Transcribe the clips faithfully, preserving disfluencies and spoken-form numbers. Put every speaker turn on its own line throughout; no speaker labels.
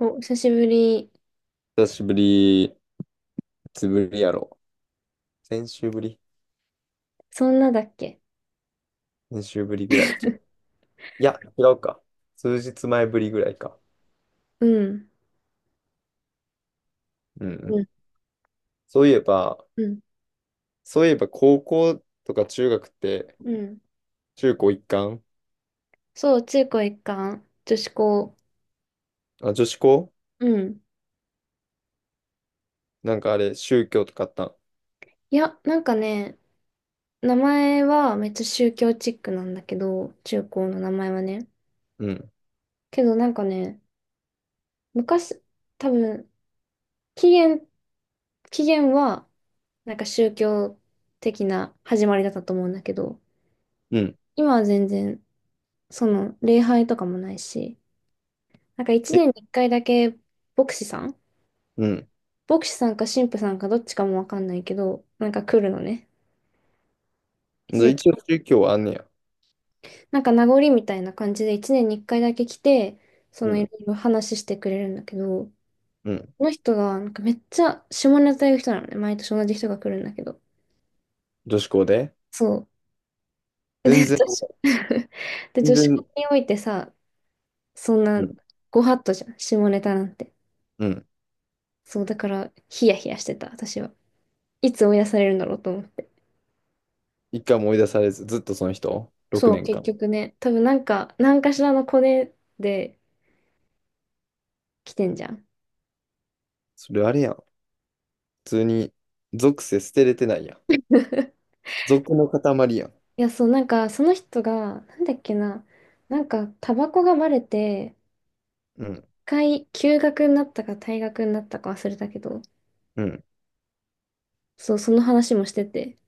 お、久しぶり。
久しぶり、いつぶりやろ。先週ぶり
そんなだっけ？
先週ぶりぐらいじゃん。いや、違うか。数日前ぶりぐらいか。
うん。
うんう
うん、
ん。そういえば、
うん。
そういえば高校とか中学って、
うん。
中高一貫。
そう、中高一貫、女子校。
あ、女子校。
うん。
なんかあれ、宗教とかあったん？
いや、なんかね、名前はめっちゃ宗教チックなんだけど、中高の名前はね。
うん。
けどなんかね、昔、多分、起源、起源は、なんか宗教的な始まりだったと思うんだけど、
うん。
今は全然、その、礼拝とかもないし、なんか一
え、
年に一回だけ、牧師さん
うん。
牧師さんか神父さんかどっちかもわかんないけど、なんか来るのね。一
で
年
一応宗教はあんねや。
なんか名残みたいな感じで一年に一回だけ来て、そ
う
の、い
ん。
ろいろ話してくれるんだけど、
うん。
この人がなんかめっちゃ下ネタ言う人なのね。毎年同じ人が来るんだけど。
女子校で
そう。で、
全
女
然、
子 で、
全
女子校
然、
においてさ、そん
う
な
ん。
ご法度じゃん、下ネタなんて。
うん。
そう、だからヒヤヒヤしてた、私は。いつ追い出されるんだろうと思って。
一回も追い出されず、ずっとその人
そう、結
?ろくねんかん 年間。
局ね、多分なんか、何かしらのコネで来てんじゃん。
それあれやん。普通に、属性捨てれてないやん。俗の塊やん。
いや、そう、なんか、その人が、なんだっけな、なんか、タバコがバレて、
う
一
ん、
回、休学になったか退学になったか忘れたけど、
うん、
そう、その話もしてて、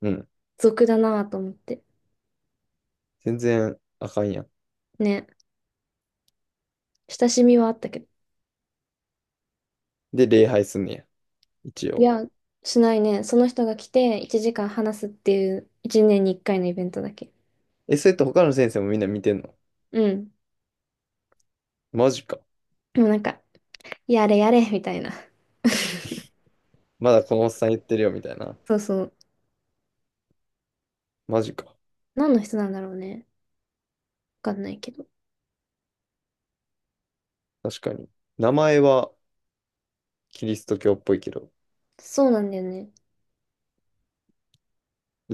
うん。
俗だなぁと思って。
全然あかんやん。
ね、親しみはあったけど。
で、礼拝すんねや。一
い
応。
や、しないね。その人が来て、いちじかん話すっていう、いちねんにいっかいのイベントだけ。
え、それって他の先生もみんな見てんの？
うん。
マジか。
でもなんか、やれやれ、みたいな。
まだこのおっさん言ってるよ、みたいな。
そうそう。
マジか。
何の人なんだろうね。わかんないけど。
確かに。名前はキリスト教っぽいけど。
そうなんだよね。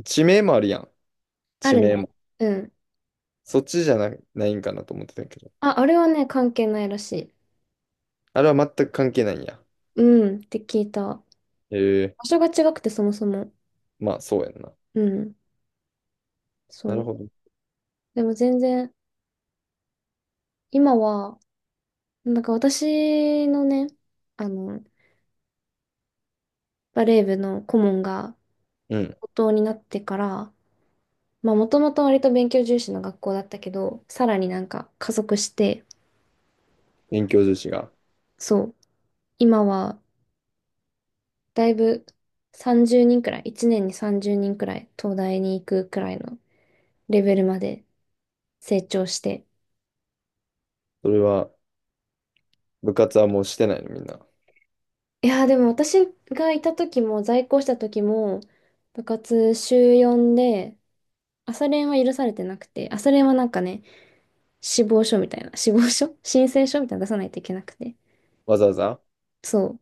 地名もあるやん。
あ
地
る
名
ね。
も。
うん。
そっちじゃな、ないんかなと思ってたけど。
あ、あれはね、関係ないらしい。
あれは全く関係ないんや。
うん、って聞いた。
ええ、
場所が違くて、そもそも。
まあ、そうやんな。
うん、
な
そ
る
う。
ほど。
でも全然、今は、なんか私のね、あの、バレー部の顧問が、
うん。
高等になってから、まあ、もともと割と勉強重視の学校だったけど、さらになんか加速して、
勉強重視が。
そう、今は、だいぶさんじゅうにんくらい、いちねんにさんじゅうにんくらい、東大に行くくらいのレベルまで成長して、
それは、部活はもうしてないの、みんな？
いやーでも私がいた時も、在校した時も、部活週よんで、朝練は許されてなくて、朝練はなんかね、死亡書みたいな、死亡書 申請書みたいなの出さないといけなくて。
わざわざ。
そう、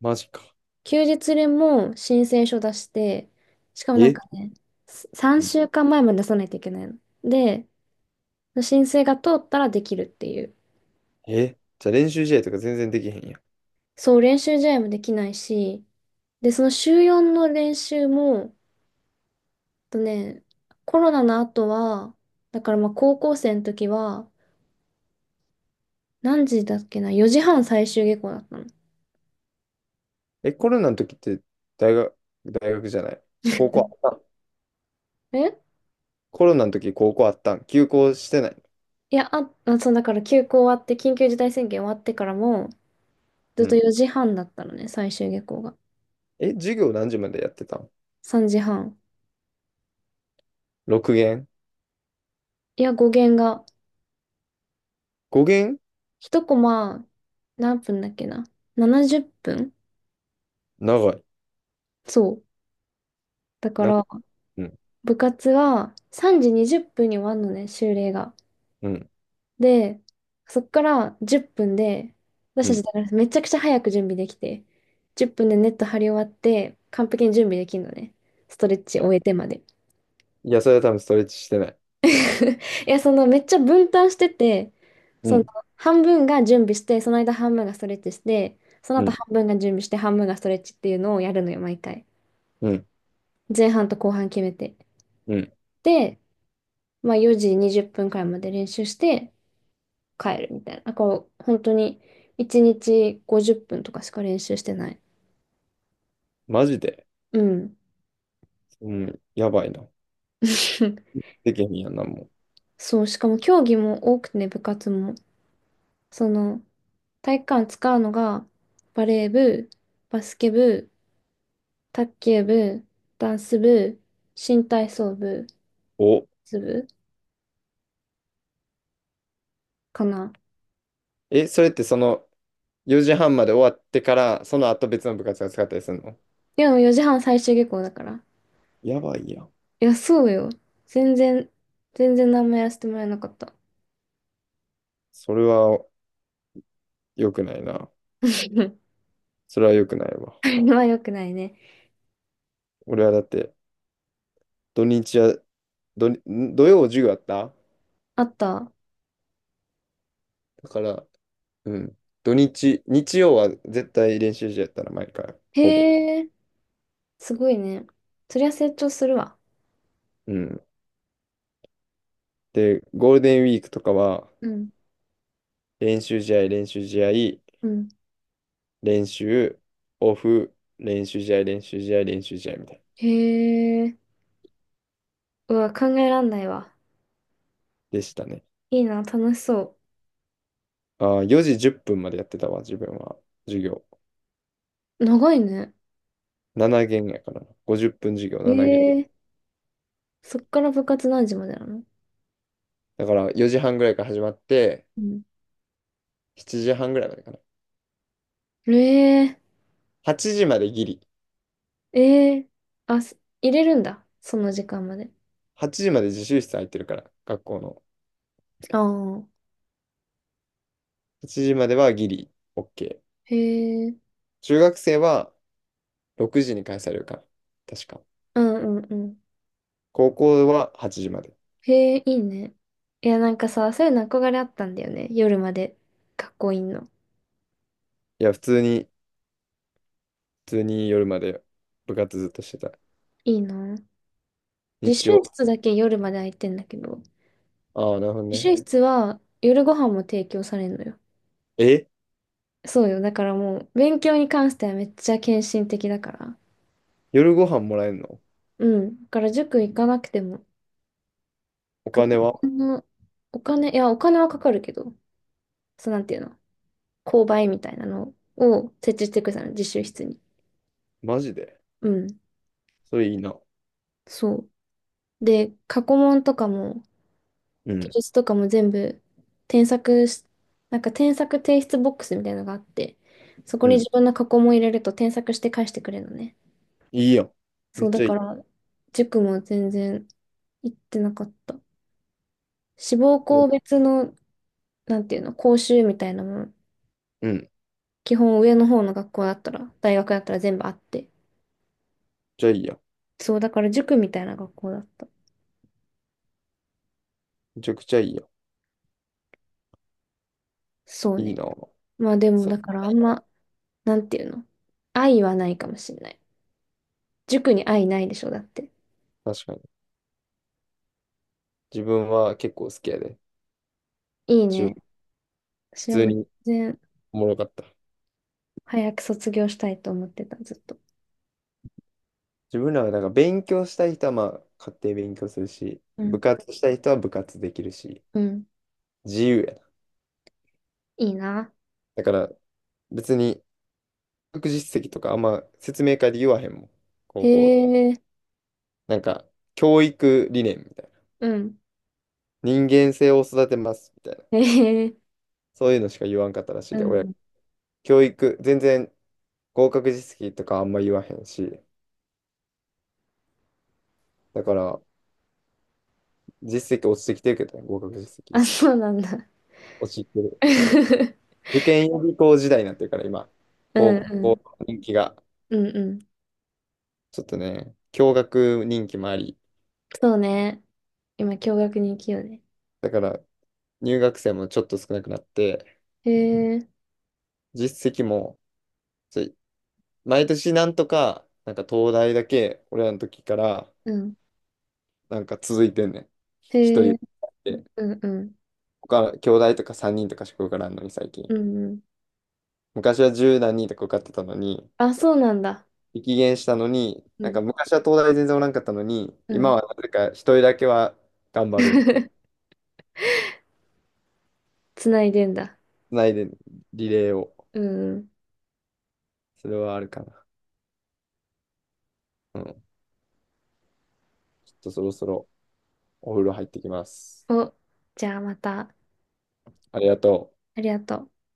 マジか。
休日練も申請書出して、しかもなんか
え
ね、3週間前まえまで出さないといけないので、申請が通ったらできるっていう。
え、じゃあ練習試合とか全然できへんやん。
そう、練習試合もできないし、でその週よんの練習も、とね、コロナの後は、だからまあ高校生の時は、何時だっけな、よじはん最終下校だったの。
え、コロナの時って大学、大学じゃない、高校あったん？
え、
コロナの時高校あったん？休校してない？
いや、あ、あそう、だから休校終わって、緊急事態宣言終わってからも、ずっ
う
と
ん。
よじはんだったのね、最終下校が。
え、授業何時までやってたん
さんじはん。
?ろくげん 限
いや、語源が、
?ごげん 限？
ひとコマ、何分だっけな。ななじゅっぷん。
長い。
そう。だか
な。
ら、
うん。
部活がさんじにじゅっぷんに終わるのね、終例が。
うん。
で、そっからじゅっぷんで、私
う
たち
ん。
だからめちゃくちゃ早く準備できて、じゅっぷんでネット張り終わって、完璧に準備できるのね。ストレッチ終えてまで。
いや、それは多分ストレッチしてない。
いや、そのめっちゃ分担してて、
う
その、
ん。
半分が準備して、その間半分がストレッチして、その
う
後
ん。
半分が準備して、半分がストレッチっていうのをやるのよ、毎回。
うん。
前半と後半決めて。
うん。
で、まあよじにじゅっぷんくらいまで練習して帰るみたいな。こう、本当にいちにちごじゅっぷんとかしか練習してない。
マジで。
うん。
うん。やばいな。できへんやんな、もう。
そう、しかも競技も多くてね、部活も。その、体育館使うのが、バレー部、バスケ部、卓球部、ダンス部、新体操部、
お。
ズ部かな。
え、それってそのよじはんまで終わってから、その後別の部活が使ったりするの？
でもよじはん最終下校だから。
やばいやん。
いや、そうよ。全然、全然何もやらせてもらえなかった。
それは良くないな。それは良くないわ。
あれは良くないね。
俺はだって、土日は、土、土曜授業あった？
あった。
だから、うん。土日、日曜は絶対練習試合やったな、毎回。ほぼ。
へえ、すごいね。そりゃ成長するわ。
うん。で、ゴールデンウィークとかは、
うん。
練習試合、練習試合、
うん。
練習、オフ、練習試合、練習試合、練習試合みたいな。
へえ。うわ、考えらんないわ。
でしたね。
いいな、楽しそ
ああ、よじじゅっぷんまでやってたわ、自分は。授業。
う。長いね。
ななげん限やからな。ごじゅっぷん授業、ななげん限。
ええ、そっから部活何時までなの？
だからよじはんぐらいから始まって、
うん。
しちじはんぐらいまでかな。
ええ、
はちじまでギリ。
ええ、あ、す入れるんだ。その時間まで。
はちじまで自習室空いてるから、学校の。
ああ。
はちじまではギリ、
へ
オーケー。
え、
中学生はろくじに返されるから確か。
うんうんうん。
高校ははちじまで。
へえ、いいね。いや、なんかさ、そういうの憧れあったんだよね。夜まで学校いんの。
いや、普通に、普通に夜まで部活ずっとしてた。
いいな。自
日
習
曜。
室だけ夜まで空いてんだけど、
ああ、なるほど
自習
ね。
室は夜ご飯も提供されんのよ。
え、
そうよ。だからもう、勉強に関してはめっちゃ献身的だから。
夜ご飯もらえるの？
うん。だから塾行かなくても、
お
学
金
校
は？
のお金、いや、お金はかかるけど、そう、なんていうの、購買みたいなのを設置してくれたの、自習室に。
マジで？
うん。
それいいな。
そう。で、過去問とかも、
う
記
ん。
述とかも全部、添削し、なんか添削提出ボックスみたいなのがあって、そこ
う
に
ん。
自分の過去問入れると添削して返してくれるのね。
いいやん。め
そう、
っち
だ
ゃい
か
い。
ら、塾も全然行ってなかった。志望
いや、
校別の、なんていうの、講習みたいなもの、
うん。
基本上の方の学校だったら、大学だったら全部あって。
じゃあいいやん。
そう、だから塾みたいな学校だった。
めちゃくちゃいいや
そう
ん。いい
ね。
な。
まあでも、
そ
だからあんま、なんていうの、愛はないかもしれない。塾に愛ないでしょ、だって。
確かに。自分は結構好きやで。
いい
中
ね。
普
私は
通
もう
に
全然、
おもろかった。
早く卒業したいと思ってた、ずっと。
自分らはなんか勉強したい人はまあ家庭勉強するし、
う
部
ん。
活したい人は部活できるし、
うん。
自由やな。
いいな。
だから別に学実績とかあんま説明会で言わへんもん。
へ
高校。
え。
なんか教育理念みたいな。
うん。
人間性を育てますみたいな。
へえ。
そういうのしか言わんかったらしい
う
で、親。
ん。
教育、全然合格実績とかあんま言わへんし、だから実績落ちてきてるけどね、合格実績。
あ、そうなんだ。
落ちてる。受験予備校時代になってるから、今、
うん
高
うん。
校人気が、
うんうん。
ちょっとね、共学人気もあり、
そうね。今、共学に行きようね。
だから入学生もちょっと少なくなって、
へえ。
実績も、ちょ毎年なんとか、なんか東大だけ、俺らの時から、
うん。
なんか続いてんねん。
へ
一人
え。
で、
うんうん。
他、兄弟とかさんにんとかしか受からんのに、最
う
近。
んうん。
昔は十何人とか受かってたのに、
あ、そうなんだ。
激減したのに、
う
なんか
ん
昔は東大全然おらんかったのに、
う
今
ん。
はなぜか一人だけは頑張る
つないでんだ。
ないで、リレーを。
うんう
それはあるかな。うん。ちょっとそろそろお風呂入ってきます。
ん。お、じゃあまた。
ありがとう。
ありがとう。